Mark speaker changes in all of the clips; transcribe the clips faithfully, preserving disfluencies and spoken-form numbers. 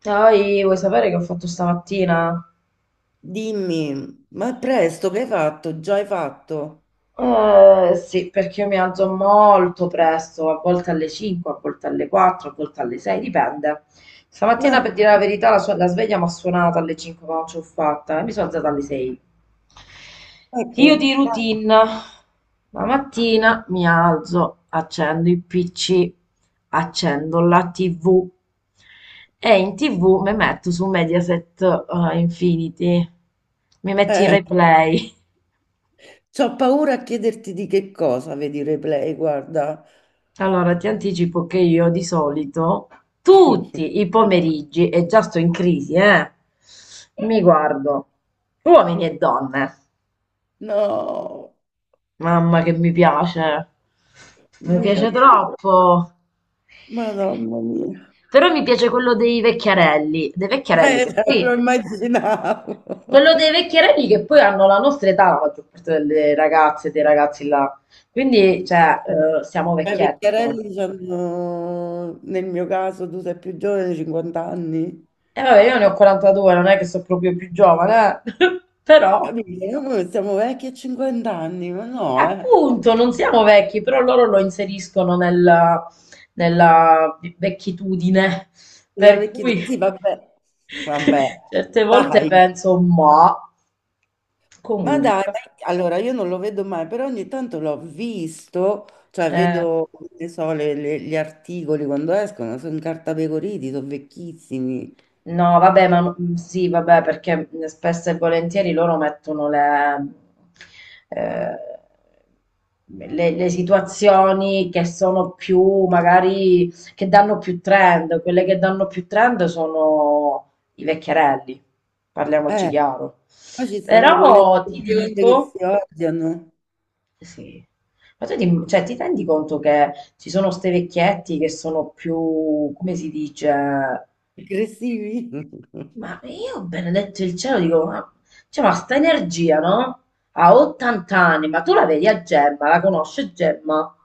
Speaker 1: Poi vuoi sapere che ho fatto stamattina?
Speaker 2: Dimmi, ma presto che hai fatto? Già hai fatto?
Speaker 1: Eh, sì, perché io mi alzo molto presto, a volte alle cinque, a volte alle quattro, a volte alle sei, dipende. Stamattina,
Speaker 2: Ma
Speaker 1: per dire la verità, la, sua- la sveglia mi ha suonato alle cinque, ma non ce l'ho fatta e mi sono alzata alle sei. Io
Speaker 2: ecco,
Speaker 1: di routine, la mattina mi alzo, accendo il pi ci, accendo la tivù e in tivù mi metto su Mediaset eh, Infinity, mi metto i
Speaker 2: eh,
Speaker 1: replay.
Speaker 2: c'ho paura a chiederti di che cosa, vedi il replay, guarda.
Speaker 1: Allora, ti anticipo che io di solito tutti i pomeriggi, e già sto in crisi, eh, mi guardo uomini e donne.
Speaker 2: No,
Speaker 1: Mamma che mi piace, mi
Speaker 2: mio
Speaker 1: piace
Speaker 2: Dio,
Speaker 1: troppo.
Speaker 2: Madonna mia.
Speaker 1: Però mi piace quello dei vecchiarelli, dei vecchiarelli
Speaker 2: Eh,
Speaker 1: che
Speaker 2: lo
Speaker 1: poi,
Speaker 2: immaginavo.
Speaker 1: quello dei vecchiarelli che poi hanno la nostra età, la maggior parte delle ragazze e dei ragazzi là. Quindi, cioè, eh, siamo
Speaker 2: I
Speaker 1: vecchietti noi.
Speaker 2: vecchiarelli hanno, nel mio caso, tu sei più giovane, cinquanta anni.
Speaker 1: E vabbè, io ne ho quarantadue, non è che sono proprio più giovane, eh. Però,
Speaker 2: Capito? Noi siamo vecchi a cinquanta anni, ma
Speaker 1: eh,
Speaker 2: no, eh.
Speaker 1: appunto, non siamo vecchi, però loro lo inseriscono nella, nella vecchitudine,
Speaker 2: La
Speaker 1: per
Speaker 2: vecchia...
Speaker 1: cui
Speaker 2: Sì, vabbè, vabbè,
Speaker 1: certe volte
Speaker 2: dai.
Speaker 1: penso, ma
Speaker 2: Ma dai,
Speaker 1: comunque,
Speaker 2: ma- allora io non lo vedo mai, però ogni tanto l'ho visto, cioè
Speaker 1: eh.
Speaker 2: vedo, ne so, le- le- gli articoli quando escono, sono incartapecoriti, sono vecchissimi.
Speaker 1: No, vabbè, ma mm, sì, vabbè, perché spesso e volentieri loro mettono le, eh, le- le situazioni che sono più, magari, che danno più trend. Quelle che danno più trend sono i vecchierelli, parliamoci
Speaker 2: Eh,
Speaker 1: chiaro.
Speaker 2: poi ci stanno quelle
Speaker 1: Però ti
Speaker 2: bionde che
Speaker 1: dico,
Speaker 2: si odiano,
Speaker 1: sì, ma tu ti, cioè, ti rendi conto che ci sono ste vecchietti che sono più, come si dice?
Speaker 2: aggressivi.
Speaker 1: Ma io, ho benedetto il cielo, dico, ma, cioè, ma sta energia, no? Ha ottanta anni, ma tu la vedi a Gemma, la conosce Gemma?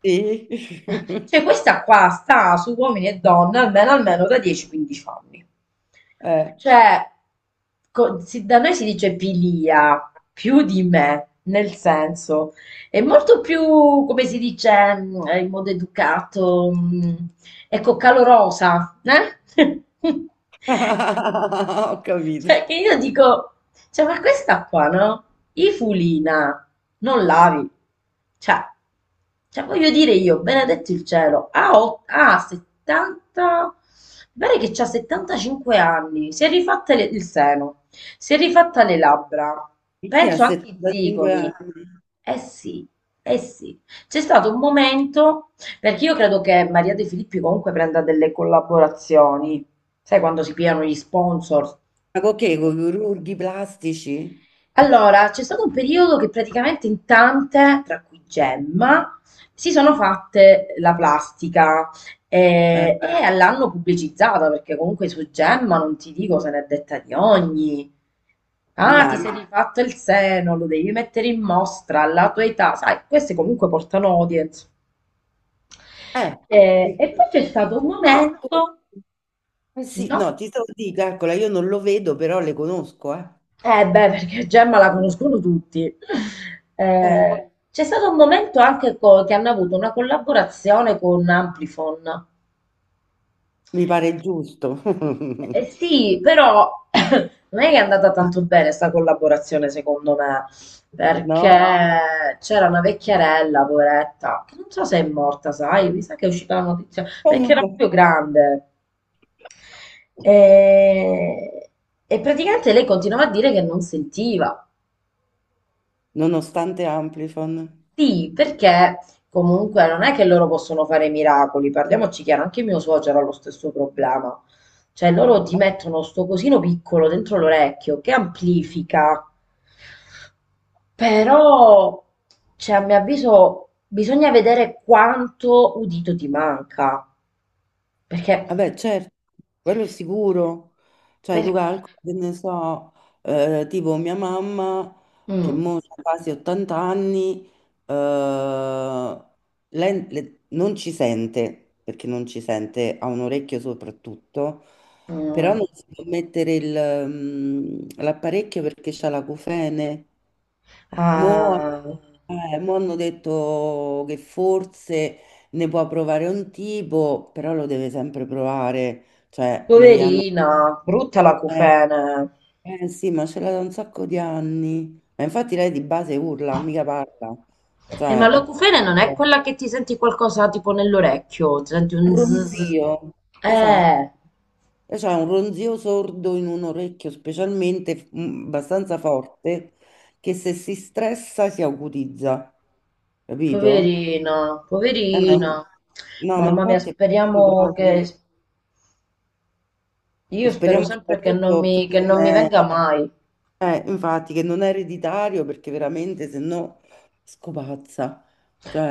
Speaker 2: Sì.
Speaker 1: Cioè, questa qua sta su uomini e donne almeno, almeno da dieci quindici anni.
Speaker 2: Eh.
Speaker 1: Cioè, co- si- da noi si dice pilia, più di me, nel senso, è molto più, come si dice, mh, in modo educato, mh, ecco, calorosa, eh?
Speaker 2: Ho
Speaker 1: Cioè,
Speaker 2: capito.
Speaker 1: che io dico, cioè, ma questa qua, no? I fulina, non lavi. Cioè, cioè, voglio dire io, benedetto il cielo, ha, ot- ha settanta, mi pare che c'ha settantacinque anni, si è rifatta le- il seno, si è rifatta le labbra,
Speaker 2: Chi ha
Speaker 1: penso anche i
Speaker 2: settantacinque
Speaker 1: zigomi.
Speaker 2: anni?
Speaker 1: Eh sì, eh sì. C'è stato un momento, perché io credo che Maria De Filippi comunque prenda delle collaborazioni. Sai quando si pigliano gli sponsor?
Speaker 2: Ma con che? Con
Speaker 1: Tipo.
Speaker 2: i chirurghi plastici?
Speaker 1: Allora, c'è stato un periodo che praticamente in tante, tra cui Gemma, si sono fatte la plastica
Speaker 2: Eh,
Speaker 1: eh, e l'hanno pubblicizzata perché comunque su Gemma non ti dico se n'è detta di ogni. Ah, ti sei
Speaker 2: immagino.
Speaker 1: rifatto il seno, lo devi mettere in mostra alla tua età, sai, queste comunque portano audience.
Speaker 2: Eh,
Speaker 1: Eh,
Speaker 2: sì.
Speaker 1: e poi c'è stato un
Speaker 2: no, tu-
Speaker 1: momento,
Speaker 2: eh sì,
Speaker 1: no?
Speaker 2: no, ti devo dire, calcola, io non lo vedo, però le conosco, eh.
Speaker 1: Eh beh, perché Gemma la conoscono tutti.
Speaker 2: Eh,
Speaker 1: Eh, c'è stato un momento anche co- che hanno avuto una collaborazione con Amplifon.
Speaker 2: mi pare giusto.
Speaker 1: Eh, sì, però non è che è andata tanto bene sta collaborazione, secondo me, perché
Speaker 2: No?
Speaker 1: c'era una vecchierella, poveretta, che non so se è morta, sai, mi sa che è uscita la notizia, perché era
Speaker 2: Comunque,
Speaker 1: proprio grande. E, e praticamente lei continuava a dire che non sentiva.
Speaker 2: nonostante Amplifon.
Speaker 1: Sì, perché comunque non è che loro possono fare miracoli, parliamoci chiaro, anche mio suocero ha lo stesso problema. Cioè, loro ti mettono sto cosino piccolo dentro l'orecchio che amplifica, però, cioè, a mio avviso, bisogna vedere quanto udito ti manca. Perché,
Speaker 2: Vabbè, certo, quello sicuro. Cioè, tu
Speaker 1: perché,
Speaker 2: calcoli, che ne so, eh, tipo mia mamma, che
Speaker 1: mm,
Speaker 2: mo ha quasi ottanta anni, eh, lei le- non ci sente, perché non ci sente, ha un orecchio soprattutto, però
Speaker 1: mm.
Speaker 2: non si può mettere il, mm, l'apparecchio perché c'ha l'acufene. Mo,
Speaker 1: Ah,
Speaker 2: eh, mo hanno detto che forse ne può provare un tipo, però lo deve sempre provare, cioè non gli hanno...
Speaker 1: poverina, brutta la
Speaker 2: Eh,
Speaker 1: cufene.
Speaker 2: eh, sì, ma ce l'ha da un sacco di anni. Ma infatti lei di base urla, mica parla.
Speaker 1: Eh, ma
Speaker 2: Cioè,
Speaker 1: l'acufene non è
Speaker 2: eh,
Speaker 1: quella che ti senti qualcosa tipo nell'orecchio, ti senti un zzz.
Speaker 2: ronzio, esatto.
Speaker 1: Eh,
Speaker 2: E c'è un ronzio sordo in un orecchio specialmente mm, abbastanza forte che se si stressa si acutizza, capito?
Speaker 1: poverina,
Speaker 2: Eh,
Speaker 1: poverina.
Speaker 2: ma- no, ma
Speaker 1: Mamma mia,
Speaker 2: infatti è peccato
Speaker 1: speriamo
Speaker 2: proprio.
Speaker 1: che... Io spero
Speaker 2: Speriamo
Speaker 1: sempre che non
Speaker 2: soprattutto
Speaker 1: mi,
Speaker 2: che
Speaker 1: che
Speaker 2: non
Speaker 1: non mi
Speaker 2: è,
Speaker 1: venga mai.
Speaker 2: eh, infatti, che non è ereditario perché veramente se no scopazza.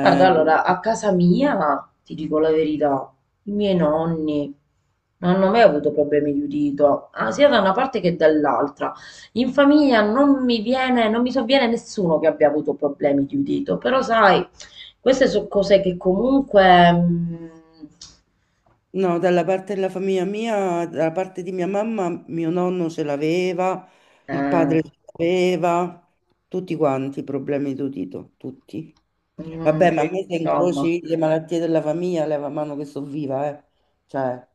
Speaker 1: Guarda, allora, a casa mia, ti dico la verità, i miei nonni non hanno mai avuto problemi di udito, ah, sia da una parte che dall'altra. In famiglia non mi viene, non mi sovviene nessuno che abbia avuto problemi di udito, però sai, queste sono cose che comunque... mm,
Speaker 2: no, dalla parte della famiglia mia, dalla parte di mia mamma, mio nonno ce l'aveva, il
Speaker 1: eh,
Speaker 2: padre ce l'aveva, tutti quanti i problemi d'udito, tutti.
Speaker 1: mm,
Speaker 2: Vabbè, ma a
Speaker 1: quindi,
Speaker 2: me se
Speaker 1: insomma,
Speaker 2: incroci le malattie della famiglia, leva mano che sto viva, eh. Cioè,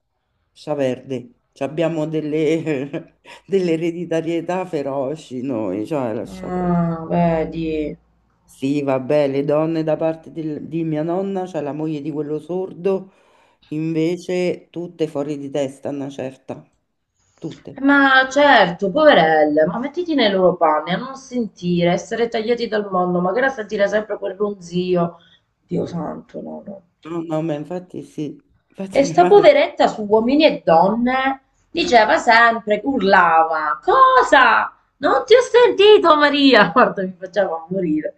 Speaker 2: sta verde. Ci abbiamo delle, delle ereditarietà feroci noi, cioè, lascia perdere.
Speaker 1: ah, vedi.
Speaker 2: Sì, vabbè, le donne da parte del- di mia nonna, cioè la moglie di quello sordo, invece tutte fuori di testa, una certa, tutte.
Speaker 1: Ma certo, poverelle, ma mettiti nei loro panni a non sentire, essere tagliati dal mondo, magari a sentire sempre quel ronzio. Dio santo, no, no.
Speaker 2: No, no, ma infatti sì, infatti
Speaker 1: E
Speaker 2: mia
Speaker 1: sta
Speaker 2: madre,
Speaker 1: poveretta su Uomini e Donne diceva sempre, urlava, cosa? Non ti ho sentito Maria! Guarda, mi faceva morire.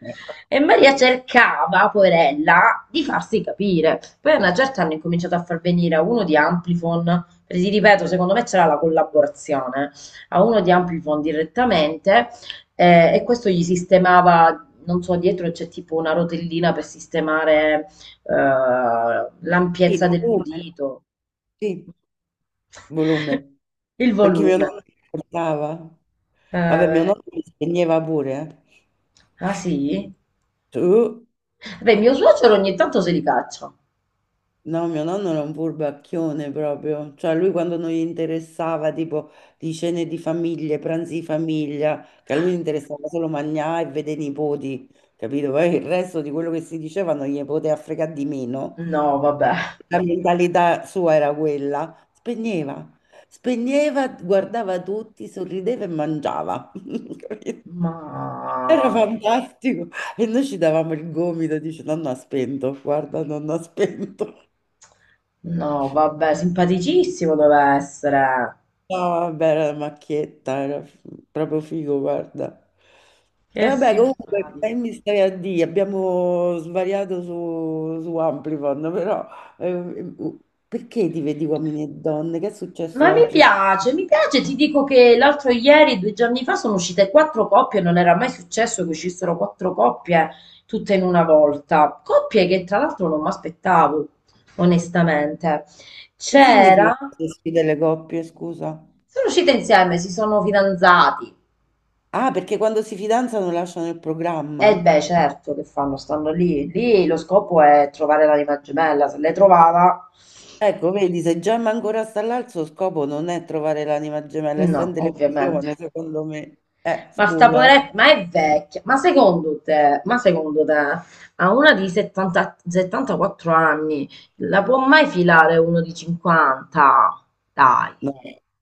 Speaker 1: E Maria cercava, poverella, di farsi capire. Poi a una certa hanno incominciato a far venire a uno di Amplifon, perché ti ripeto, secondo me c'era la collaborazione, a uno di Amplifon direttamente eh, e questo gli sistemava, non so, dietro c'è tipo una rotellina per sistemare ehm,
Speaker 2: sì,
Speaker 1: l'ampiezza
Speaker 2: volume,
Speaker 1: dell'udito,
Speaker 2: sì, volume,
Speaker 1: il
Speaker 2: perché mio
Speaker 1: volume.
Speaker 2: nonno mi portava. Vabbè, mio
Speaker 1: Eh,
Speaker 2: nonno mi spegneva pure, eh.
Speaker 1: ah sì?
Speaker 2: Tu?
Speaker 1: Beh, mio suocero ogni tanto se li caccia.
Speaker 2: No, mio nonno era un furbacchione proprio, cioè lui quando non gli interessava tipo di cene di famiglie, pranzi di famiglia, che a lui interessava solo mangiare e vedere i nipoti, capito? Poi il resto di quello che si diceva non gli poteva fregare di meno,
Speaker 1: No,
Speaker 2: perché
Speaker 1: vabbè.
Speaker 2: la mentalità sua era quella, spegneva, spegneva, guardava tutti, sorrideva e mangiava, capito?
Speaker 1: Ma...
Speaker 2: Era fantastico e noi ci davamo il gomito, dice nonno ha spento, guarda nonno ha spento.
Speaker 1: No, vabbè, simpaticissimo deve essere.
Speaker 2: No, vabbè, era la macchietta, era f- proprio figo, guarda. E
Speaker 1: Che
Speaker 2: vabbè, comunque, che
Speaker 1: simpatico.
Speaker 2: mi stai a dire? Abbiamo svariato su, su Amplifon, però eh, perché ti vedi uomini e donne? Che è successo
Speaker 1: Ma mi
Speaker 2: oggi?
Speaker 1: piace, mi piace, ti dico che l'altro ieri, due giorni fa, sono uscite quattro coppie, non era mai successo che uscissero quattro coppie tutte in una volta. Coppie che tra l'altro non mi aspettavo, onestamente.
Speaker 2: Che significa
Speaker 1: C'era,
Speaker 2: queste sfide delle coppie, scusa?
Speaker 1: sono uscite insieme, si sono fidanzati.
Speaker 2: Ah, perché quando si fidanzano lasciano il
Speaker 1: E
Speaker 2: programma?
Speaker 1: beh, certo che fanno, stanno lì. Lì lo scopo è trovare l'anima gemella, se l'hai trovata,
Speaker 2: Ecco, vedi, se Gemma ancora sta là, il suo scopo non è trovare l'anima gemella, è
Speaker 1: no,
Speaker 2: sta in
Speaker 1: ovviamente.
Speaker 2: televisione, secondo me. Eh,
Speaker 1: Ma sta
Speaker 2: scusa.
Speaker 1: poveretta, ma è vecchia. Ma secondo te, ma secondo te, a una di settanta settantaquattro anni la può mai filare uno di cinquanta? Dai.
Speaker 2: No,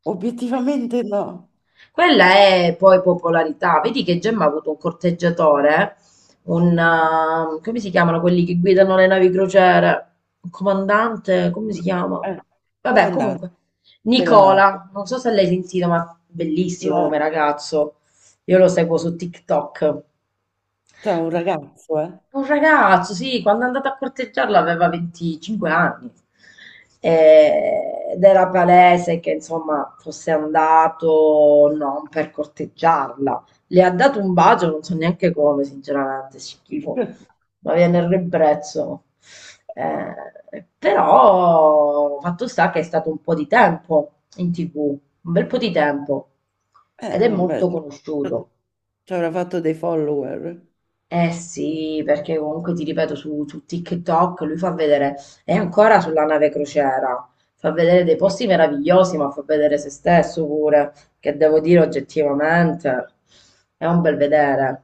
Speaker 2: obiettivamente no.
Speaker 1: Quella è poi popolarità. Vedi che Gemma ha avuto un corteggiatore, un, ehm, come si chiamano quelli che guidano le navi crociere? Un comandante, come si chiama?
Speaker 2: Eh,
Speaker 1: Vabbè,
Speaker 2: comandante
Speaker 1: comunque.
Speaker 2: della nave.
Speaker 1: Nicola, non so se l'hai sentito, ma bellissimo
Speaker 2: No,
Speaker 1: come ragazzo. Io lo seguo su TikTok.
Speaker 2: c'è un
Speaker 1: Ma
Speaker 2: ragazzo, eh.
Speaker 1: Un ragazzo, sì, quando è andato a corteggiarla aveva venticinque anni. E- ed era palese che insomma fosse andato non per corteggiarla. Le ha dato un bacio, non so neanche come, sinceramente, schifo, ma viene il ribrezzo. Eh, però fatto sta che è stato un po' di tempo in tivù, un bel po' di tempo ed
Speaker 2: Eh,
Speaker 1: è
Speaker 2: vabbè,
Speaker 1: molto conosciuto.
Speaker 2: ci avrà fatto dei follower.
Speaker 1: Eh sì, perché comunque ti ripeto su, su TikTok lui fa vedere, è ancora sulla nave crociera, fa vedere dei posti meravigliosi, ma fa vedere se stesso pure, che devo dire oggettivamente, è un bel vedere.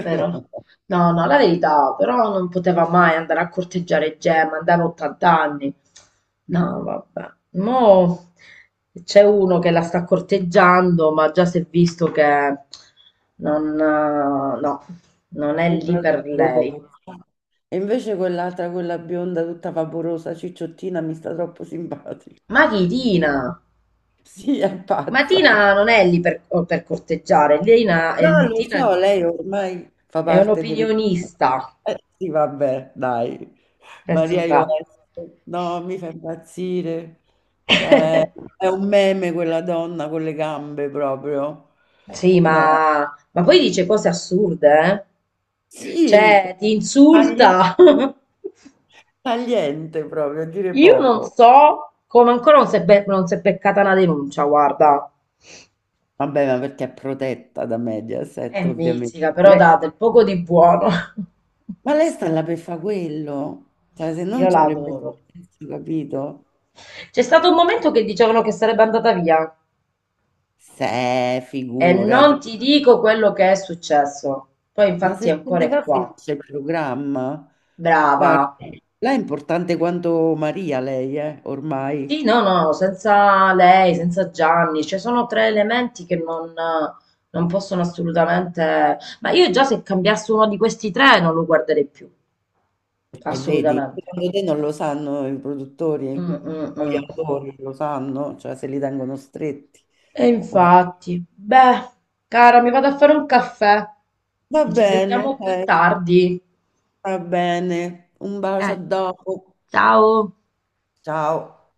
Speaker 1: Però, no, no, la verità, però non poteva mai andare a corteggiare Gemma, andava a ottanta anni. No, vabbè. Mo c'è uno che la sta corteggiando, ma già si è visto che non, eh, no, non è
Speaker 2: Il
Speaker 1: lì
Speaker 2: brother
Speaker 1: per
Speaker 2: di
Speaker 1: lei.
Speaker 2: Bococcio. E invece quell'altra, quella bionda tutta vaporosa, cicciottina, mi sta troppo simpatica.
Speaker 1: Ma chi Tina?
Speaker 2: Sì, è
Speaker 1: Ma
Speaker 2: pazza.
Speaker 1: Tina non è lì per, oh, per corteggiare. Lina, è,
Speaker 2: No, lo
Speaker 1: Tina
Speaker 2: so, lei ormai fa
Speaker 1: è
Speaker 2: parte del...
Speaker 1: un'opinionista.
Speaker 2: Eh, sì, vabbè, dai.
Speaker 1: È
Speaker 2: Maria
Speaker 1: simpatico.
Speaker 2: Ionesco, no, mi fa impazzire. Cioè, è un meme quella donna con le gambe proprio.
Speaker 1: Sì,
Speaker 2: No,
Speaker 1: ma, ma poi dice cose assurde, eh?
Speaker 2: sì,
Speaker 1: Cioè, ti
Speaker 2: tagliente,
Speaker 1: insulta.
Speaker 2: tagliente proprio, a dire
Speaker 1: Io non
Speaker 2: poco.
Speaker 1: so come ancora non si è, be- non si è beccata una denuncia, guarda.
Speaker 2: Vabbè, ma perché è protetta da
Speaker 1: È
Speaker 2: Mediaset, ovviamente.
Speaker 1: mitica, però
Speaker 2: Lei-
Speaker 1: dà del poco di buono.
Speaker 2: ma lei sta là per fare quello. Cioè, se non
Speaker 1: Io
Speaker 2: ci
Speaker 1: la
Speaker 2: avrebbe
Speaker 1: adoro.
Speaker 2: senso, capito?
Speaker 1: C'è stato un momento che dicevano che sarebbe andata via.
Speaker 2: Se,
Speaker 1: E
Speaker 2: figurati.
Speaker 1: non ti dico quello che è successo. Poi
Speaker 2: Ma se
Speaker 1: infatti
Speaker 2: se
Speaker 1: ancora
Speaker 2: ne
Speaker 1: è
Speaker 2: va
Speaker 1: qua.
Speaker 2: finisce il programma.
Speaker 1: Brava.
Speaker 2: Guarda, lei è importante quanto Maria, lei, eh, ormai.
Speaker 1: Sì, no, no, senza lei, senza Gianni, cioè sono tre elementi che non, non possono assolutamente... Ma io già se cambiassi uno di questi tre non lo guarderei più,
Speaker 2: E vedi,
Speaker 1: assolutamente.
Speaker 2: secondo te non lo sanno i
Speaker 1: Mm,
Speaker 2: produttori?
Speaker 1: mm,
Speaker 2: Gli
Speaker 1: mm.
Speaker 2: autori lo sanno, cioè se li tengono stretti.
Speaker 1: E
Speaker 2: Ov-
Speaker 1: infatti, beh, cara, mi vado a fare un caffè.
Speaker 2: va
Speaker 1: Ci
Speaker 2: bene,
Speaker 1: sentiamo più
Speaker 2: ok,
Speaker 1: tardi.
Speaker 2: va bene. Un bacio
Speaker 1: Eh,
Speaker 2: a dopo.
Speaker 1: ciao.
Speaker 2: Ciao.